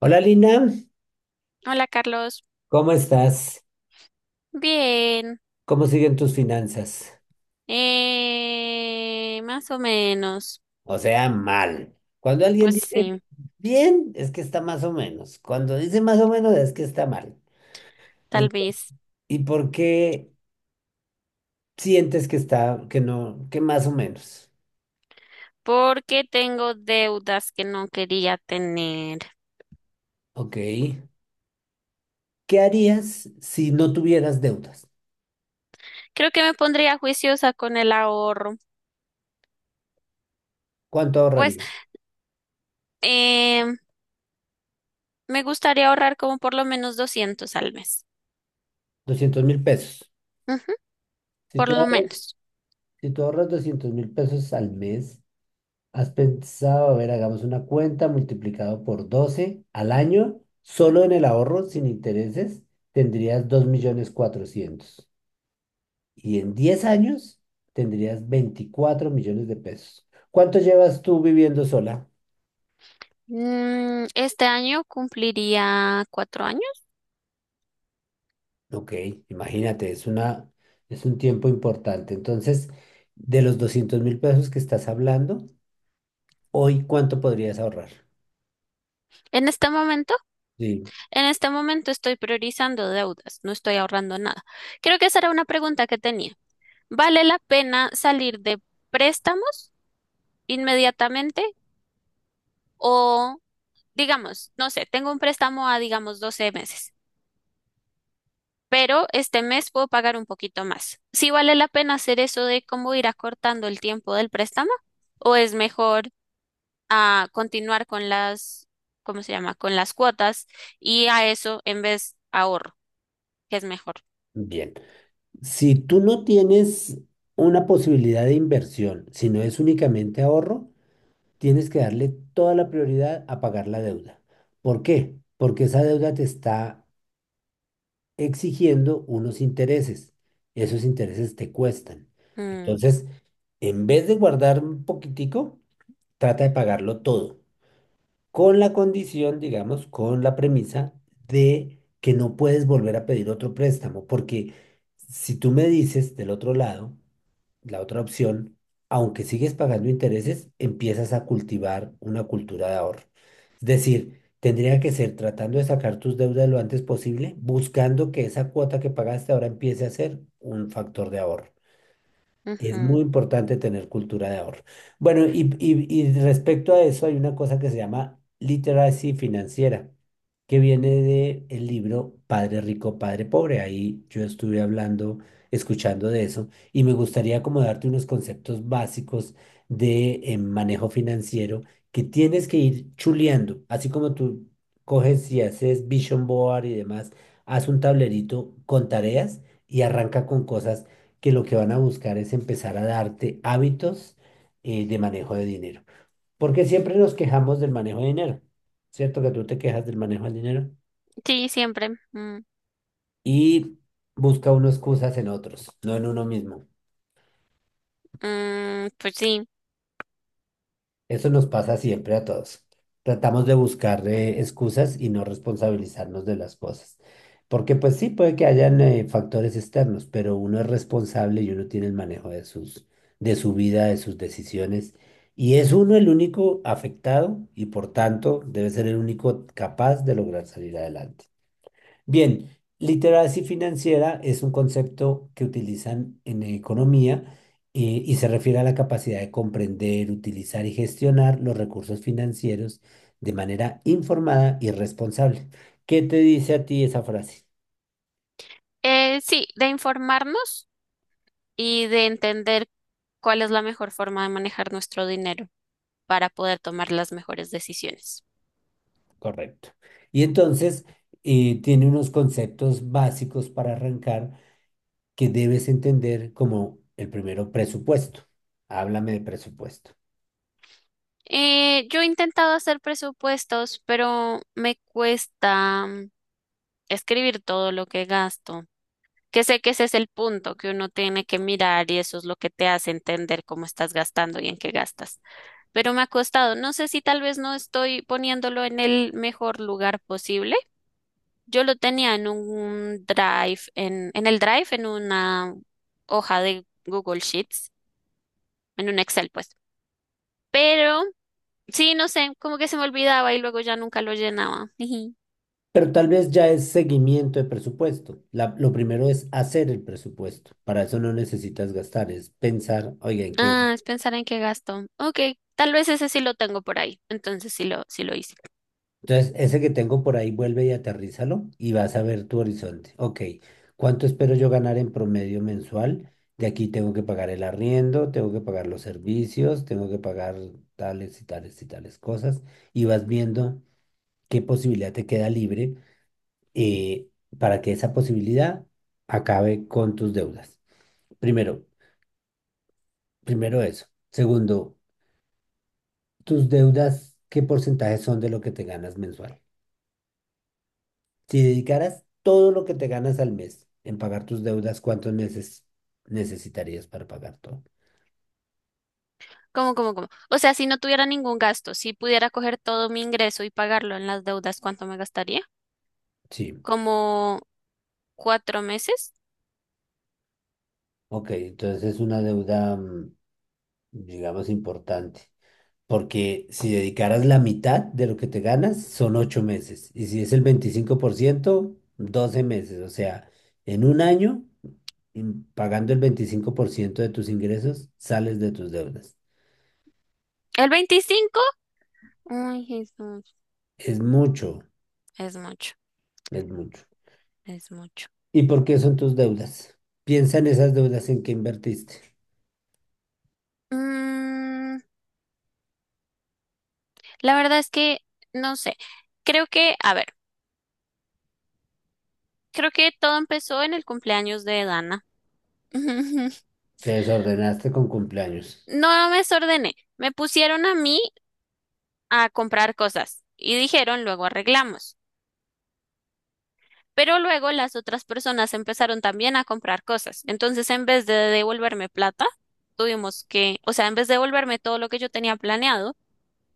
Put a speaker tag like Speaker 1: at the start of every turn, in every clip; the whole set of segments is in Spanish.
Speaker 1: Hola Lina,
Speaker 2: Hola Carlos,
Speaker 1: ¿cómo estás?
Speaker 2: bien,
Speaker 1: ¿Cómo siguen tus finanzas?
Speaker 2: más o menos,
Speaker 1: O sea, mal. Cuando alguien
Speaker 2: pues
Speaker 1: dice
Speaker 2: sí,
Speaker 1: bien, es que está más o menos. Cuando dice más o menos, es que está mal.
Speaker 2: tal
Speaker 1: En-
Speaker 2: vez,
Speaker 1: ¿Y por qué sientes que está, que no, que más o menos?
Speaker 2: porque tengo deudas que no quería tener.
Speaker 1: Ok. ¿Qué harías si no tuvieras deudas?
Speaker 2: Creo que me pondría juiciosa con el ahorro.
Speaker 1: ¿Cuánto
Speaker 2: Pues
Speaker 1: ahorrarías?
Speaker 2: eh, me gustaría ahorrar como por lo menos 200 al mes.
Speaker 1: 200.000 pesos.
Speaker 2: Ujú,
Speaker 1: Si
Speaker 2: por
Speaker 1: tú
Speaker 2: lo
Speaker 1: ahorras,
Speaker 2: menos.
Speaker 1: si tú ahorras 200 mil pesos al mes. ¿Has pensado, a ver, hagamos una cuenta multiplicado por 12 al año, solo en el ahorro, sin intereses, tendrías 2.400.000? Y en 10 años tendrías 24 millones de pesos. ¿Cuánto llevas tú viviendo sola?
Speaker 2: Este año cumpliría 4 años.
Speaker 1: Ok, imagínate, es un tiempo importante. Entonces, de los 200.000 pesos que estás hablando, hoy, ¿cuánto podrías ahorrar?
Speaker 2: En este momento,
Speaker 1: Sí,
Speaker 2: en este momento estoy priorizando deudas, no estoy ahorrando nada. Creo que esa era una pregunta que tenía. ¿Vale la pena salir de préstamos inmediatamente? O, digamos, no sé, tengo un préstamo a, digamos, 12 meses, pero este mes puedo pagar un poquito más. ¿Sí vale la pena hacer eso de cómo ir acortando el tiempo del préstamo? ¿O es mejor continuar con las, ¿cómo se llama? Con las cuotas, y a eso en vez ahorro, que es mejor.
Speaker 1: bien. Si tú no tienes una posibilidad de inversión, sino es únicamente ahorro, tienes que darle toda la prioridad a pagar la deuda. ¿Por qué? Porque esa deuda te está exigiendo unos intereses. Esos intereses te cuestan.
Speaker 2: Mm,
Speaker 1: Entonces, en vez de guardar un poquitico, trata de pagarlo todo con la condición, digamos, con la premisa de que no puedes volver a pedir otro préstamo, porque si tú me dices del otro lado, la otra opción, aunque sigues pagando intereses, empiezas a cultivar una cultura de ahorro. Es decir, tendría que ser tratando de sacar tus deudas lo antes posible, buscando que esa cuota que pagaste ahora empiece a ser un factor de ahorro. Es
Speaker 2: ujú.
Speaker 1: muy importante tener cultura de ahorro. Bueno, y respecto a eso hay una cosa que se llama literacy financiera, que viene de el libro Padre Rico, Padre Pobre. Ahí yo estuve hablando, escuchando de eso, y me gustaría como darte unos conceptos básicos de manejo financiero que tienes que ir chuleando, así como tú coges y haces vision board y demás, haz un tablerito con tareas y arranca con cosas que lo que van a buscar es empezar a darte hábitos de manejo de dinero. Porque siempre nos quejamos del manejo de dinero, ¿cierto? Que tú te quejas del manejo del dinero
Speaker 2: Sí, siempre. Mm,
Speaker 1: y busca uno excusas en otros, no en uno mismo.
Speaker 2: mm, pues sí.
Speaker 1: Eso nos pasa siempre a todos. Tratamos de buscar excusas y no responsabilizarnos de las cosas. Porque pues sí, puede que hayan factores externos, pero uno es responsable y uno tiene el manejo de de su vida, de sus decisiones. Y es uno el único afectado y por tanto debe ser el único capaz de lograr salir adelante. Bien, literacia financiera es un concepto que utilizan en economía y se refiere a la capacidad de comprender, utilizar y gestionar los recursos financieros de manera informada y responsable. ¿Qué te dice a ti esa frase?
Speaker 2: Sí, de informarnos, y de entender cuál es la mejor forma de manejar nuestro dinero para poder tomar las mejores decisiones.
Speaker 1: Correcto. Y entonces tiene unos conceptos básicos para arrancar que debes entender como el primero, presupuesto. Háblame de presupuesto.
Speaker 2: Yo he intentado hacer presupuestos, pero me cuesta, escribir todo lo que gasto, que sé que ese es el punto que uno tiene que mirar y eso es lo que te hace entender cómo estás gastando y en qué gastas. Pero me ha costado, no sé si tal vez no estoy poniéndolo en el mejor lugar posible. Yo lo tenía en un Drive, en el Drive, en una hoja de Google Sheets, en un Excel, pues. Pero sí, no sé, como que se me olvidaba y luego ya nunca lo llenaba. Jiji.
Speaker 1: Pero tal vez ya es seguimiento de presupuesto. Lo primero es hacer el presupuesto. Para eso no necesitas gastar, es pensar, oiga, ¿en qué?
Speaker 2: Ah, es pensar en qué gasto. Ok, tal vez ese sí lo tengo por ahí. Entonces sí lo hice.
Speaker 1: Entonces, ese que tengo por ahí, vuelve y aterrízalo y vas a ver tu horizonte. Ok, ¿cuánto espero yo ganar en promedio mensual? De aquí tengo que pagar el arriendo, tengo que pagar los servicios, tengo que pagar tales y tales y tales cosas. Y vas viendo qué posibilidad te queda libre eh, para que esa posibilidad acabe con tus deudas. Primero. Primero eso. Segundo, tus deudas, ¿qué porcentaje son de lo que te ganas mensual? Si dedicaras todo lo que te ganas al mes en pagar tus deudas, ¿cuántos meses necesitarías para pagar todo?
Speaker 2: ¿Cómo, cómo, cómo? O sea, si no tuviera ningún gasto, si pudiera coger todo mi ingreso y pagarlo en las deudas, ¿cuánto me gastaría?
Speaker 1: Sí,
Speaker 2: ¿Como 4 meses?
Speaker 1: ok, entonces es una deuda, digamos, importante. Porque si dedicaras la mitad de lo que te ganas, son 8 meses. Y si es el 25% 12 meses. O sea, en un año, pagando el 25% de tus ingresos, sales de tus deudas.
Speaker 2: ¿El 25? Ay, Jesús,
Speaker 1: Es mucho,
Speaker 2: es mucho.
Speaker 1: es mucho.
Speaker 2: Es mucho.
Speaker 1: ¿Y por qué son tus deudas? Piensa en esas deudas en que invertiste.
Speaker 2: Mm, la verdad es que no sé. Creo que, a ver, creo que todo empezó en el cumpleaños de Dana.
Speaker 1: Te desordenaste con cumpleaños.
Speaker 2: No me desordené. Me pusieron a mí a comprar cosas y dijeron luego arreglamos. Pero luego las otras personas empezaron también a comprar cosas. Entonces, en vez de devolverme plata, tuvimos que, o sea, en vez de devolverme todo lo que yo tenía planeado,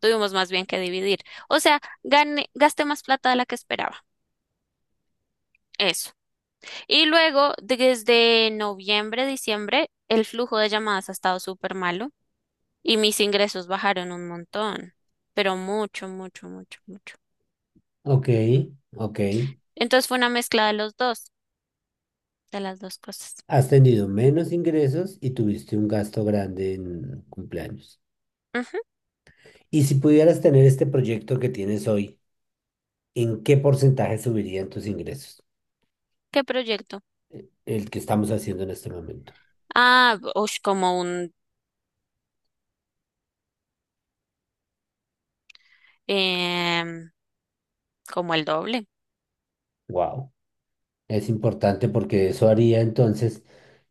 Speaker 2: tuvimos más bien que dividir. O sea, gané, gasté más plata de la que esperaba. Eso. Y luego, desde noviembre, diciembre, el flujo de llamadas ha estado súper malo y mis ingresos bajaron un montón, pero mucho, mucho, mucho, mucho.
Speaker 1: Ok, ok.
Speaker 2: Entonces fue una mezcla de los dos, de las dos cosas.
Speaker 1: Has tenido menos ingresos y tuviste un gasto grande en cumpleaños.
Speaker 2: Ujú.
Speaker 1: Y si pudieras tener este proyecto que tienes hoy, ¿en qué porcentaje subirían tus ingresos?
Speaker 2: ¿Qué proyecto?
Speaker 1: El que estamos haciendo en este momento.
Speaker 2: Ah, ush, em, como el doble.
Speaker 1: Wow. Es importante porque eso haría entonces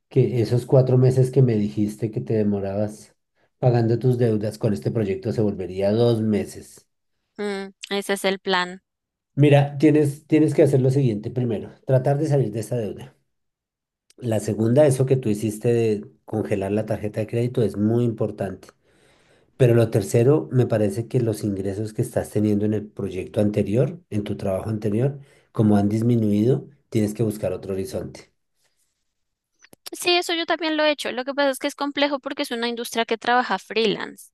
Speaker 1: que esos 4 meses que me dijiste que te demorabas pagando tus deudas con este proyecto se volvería 2 meses.
Speaker 2: Ese es el plan.
Speaker 1: Mira, tienes que hacer lo siguiente primero, tratar de salir de esa deuda. La segunda, eso que tú hiciste de congelar la tarjeta de crédito es muy importante. Pero lo tercero, me parece que los ingresos que estás teniendo en el proyecto anterior, en tu trabajo anterior, como han disminuido, tienes que buscar otro horizonte.
Speaker 2: Sí, eso yo también lo he hecho. Lo que pasa es que es complejo porque es una industria que trabaja freelance.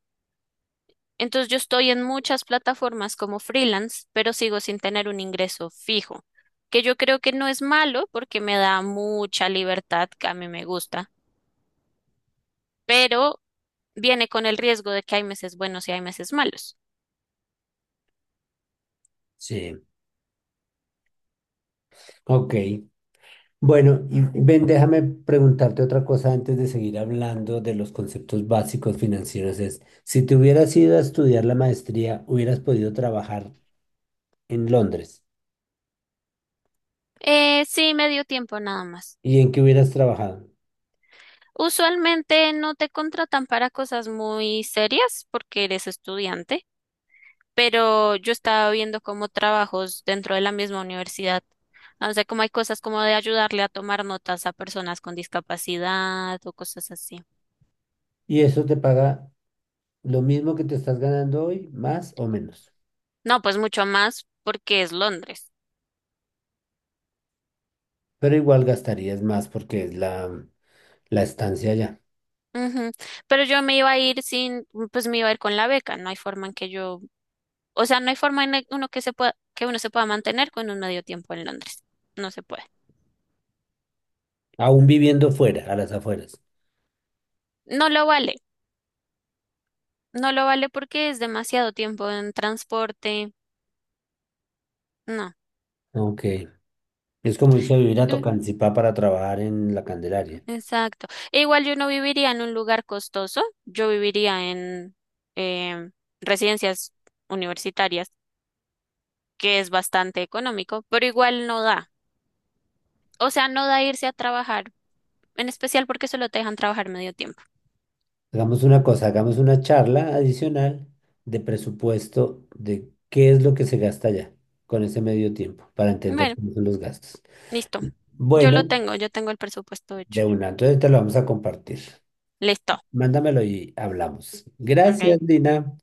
Speaker 2: Entonces yo estoy en muchas plataformas como freelance, pero sigo sin tener un ingreso fijo, que yo creo que no es malo porque me da mucha libertad, que a mí me gusta, pero viene con el riesgo de que hay meses buenos y hay meses malos.
Speaker 1: Sí, ok. Bueno, y ven, déjame preguntarte otra cosa antes de seguir hablando de los conceptos básicos financieros. Es, si te hubieras ido a estudiar la maestría, hubieras podido trabajar en Londres.
Speaker 2: Sí, me dio tiempo nada más.
Speaker 1: ¿Y en qué hubieras trabajado?
Speaker 2: Usualmente no te contratan para cosas muy serias porque eres estudiante, pero yo estaba viendo como trabajos dentro de la misma universidad. No sé, como hay cosas como de ayudarle a tomar notas a personas con discapacidad o cosas así.
Speaker 1: Y eso te paga lo mismo que te estás ganando hoy, más o menos.
Speaker 2: No, pues mucho más porque es Londres.
Speaker 1: Pero igual gastarías más porque es la estancia allá.
Speaker 2: Ujú. Pero yo me iba a ir sin, pues me iba a ir con la beca. No hay forma en que yo, o sea, no hay forma en el- uno que se pueda, que uno se pueda mantener con un medio tiempo en Londres. No se puede.
Speaker 1: Aún viviendo fuera, a las afueras.
Speaker 2: No lo vale. No lo vale porque es demasiado tiempo en transporte. No.
Speaker 1: Ok. Es como irse a vivir a
Speaker 2: Eh,
Speaker 1: Tocancipá para trabajar en la Candelaria.
Speaker 2: Exacto. E igual yo no viviría en un lugar costoso. Yo viviría en em, residencias universitarias, que es bastante económico, pero igual no da. O sea, no da irse a trabajar, en especial porque solo te dejan trabajar medio tiempo.
Speaker 1: Hagamos una cosa, hagamos una charla adicional de presupuesto de qué es lo que se gasta allá con ese medio tiempo para entender
Speaker 2: Bueno,
Speaker 1: cómo son los gastos.
Speaker 2: listo. Yo lo
Speaker 1: Bueno,
Speaker 2: tengo, yo tengo el presupuesto hecho.
Speaker 1: de una, entonces te lo vamos a compartir.
Speaker 2: Listo.
Speaker 1: Mándamelo y hablamos.
Speaker 2: Ok.
Speaker 1: Gracias, Dina.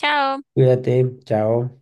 Speaker 2: Chao.
Speaker 1: Cuídate, chao.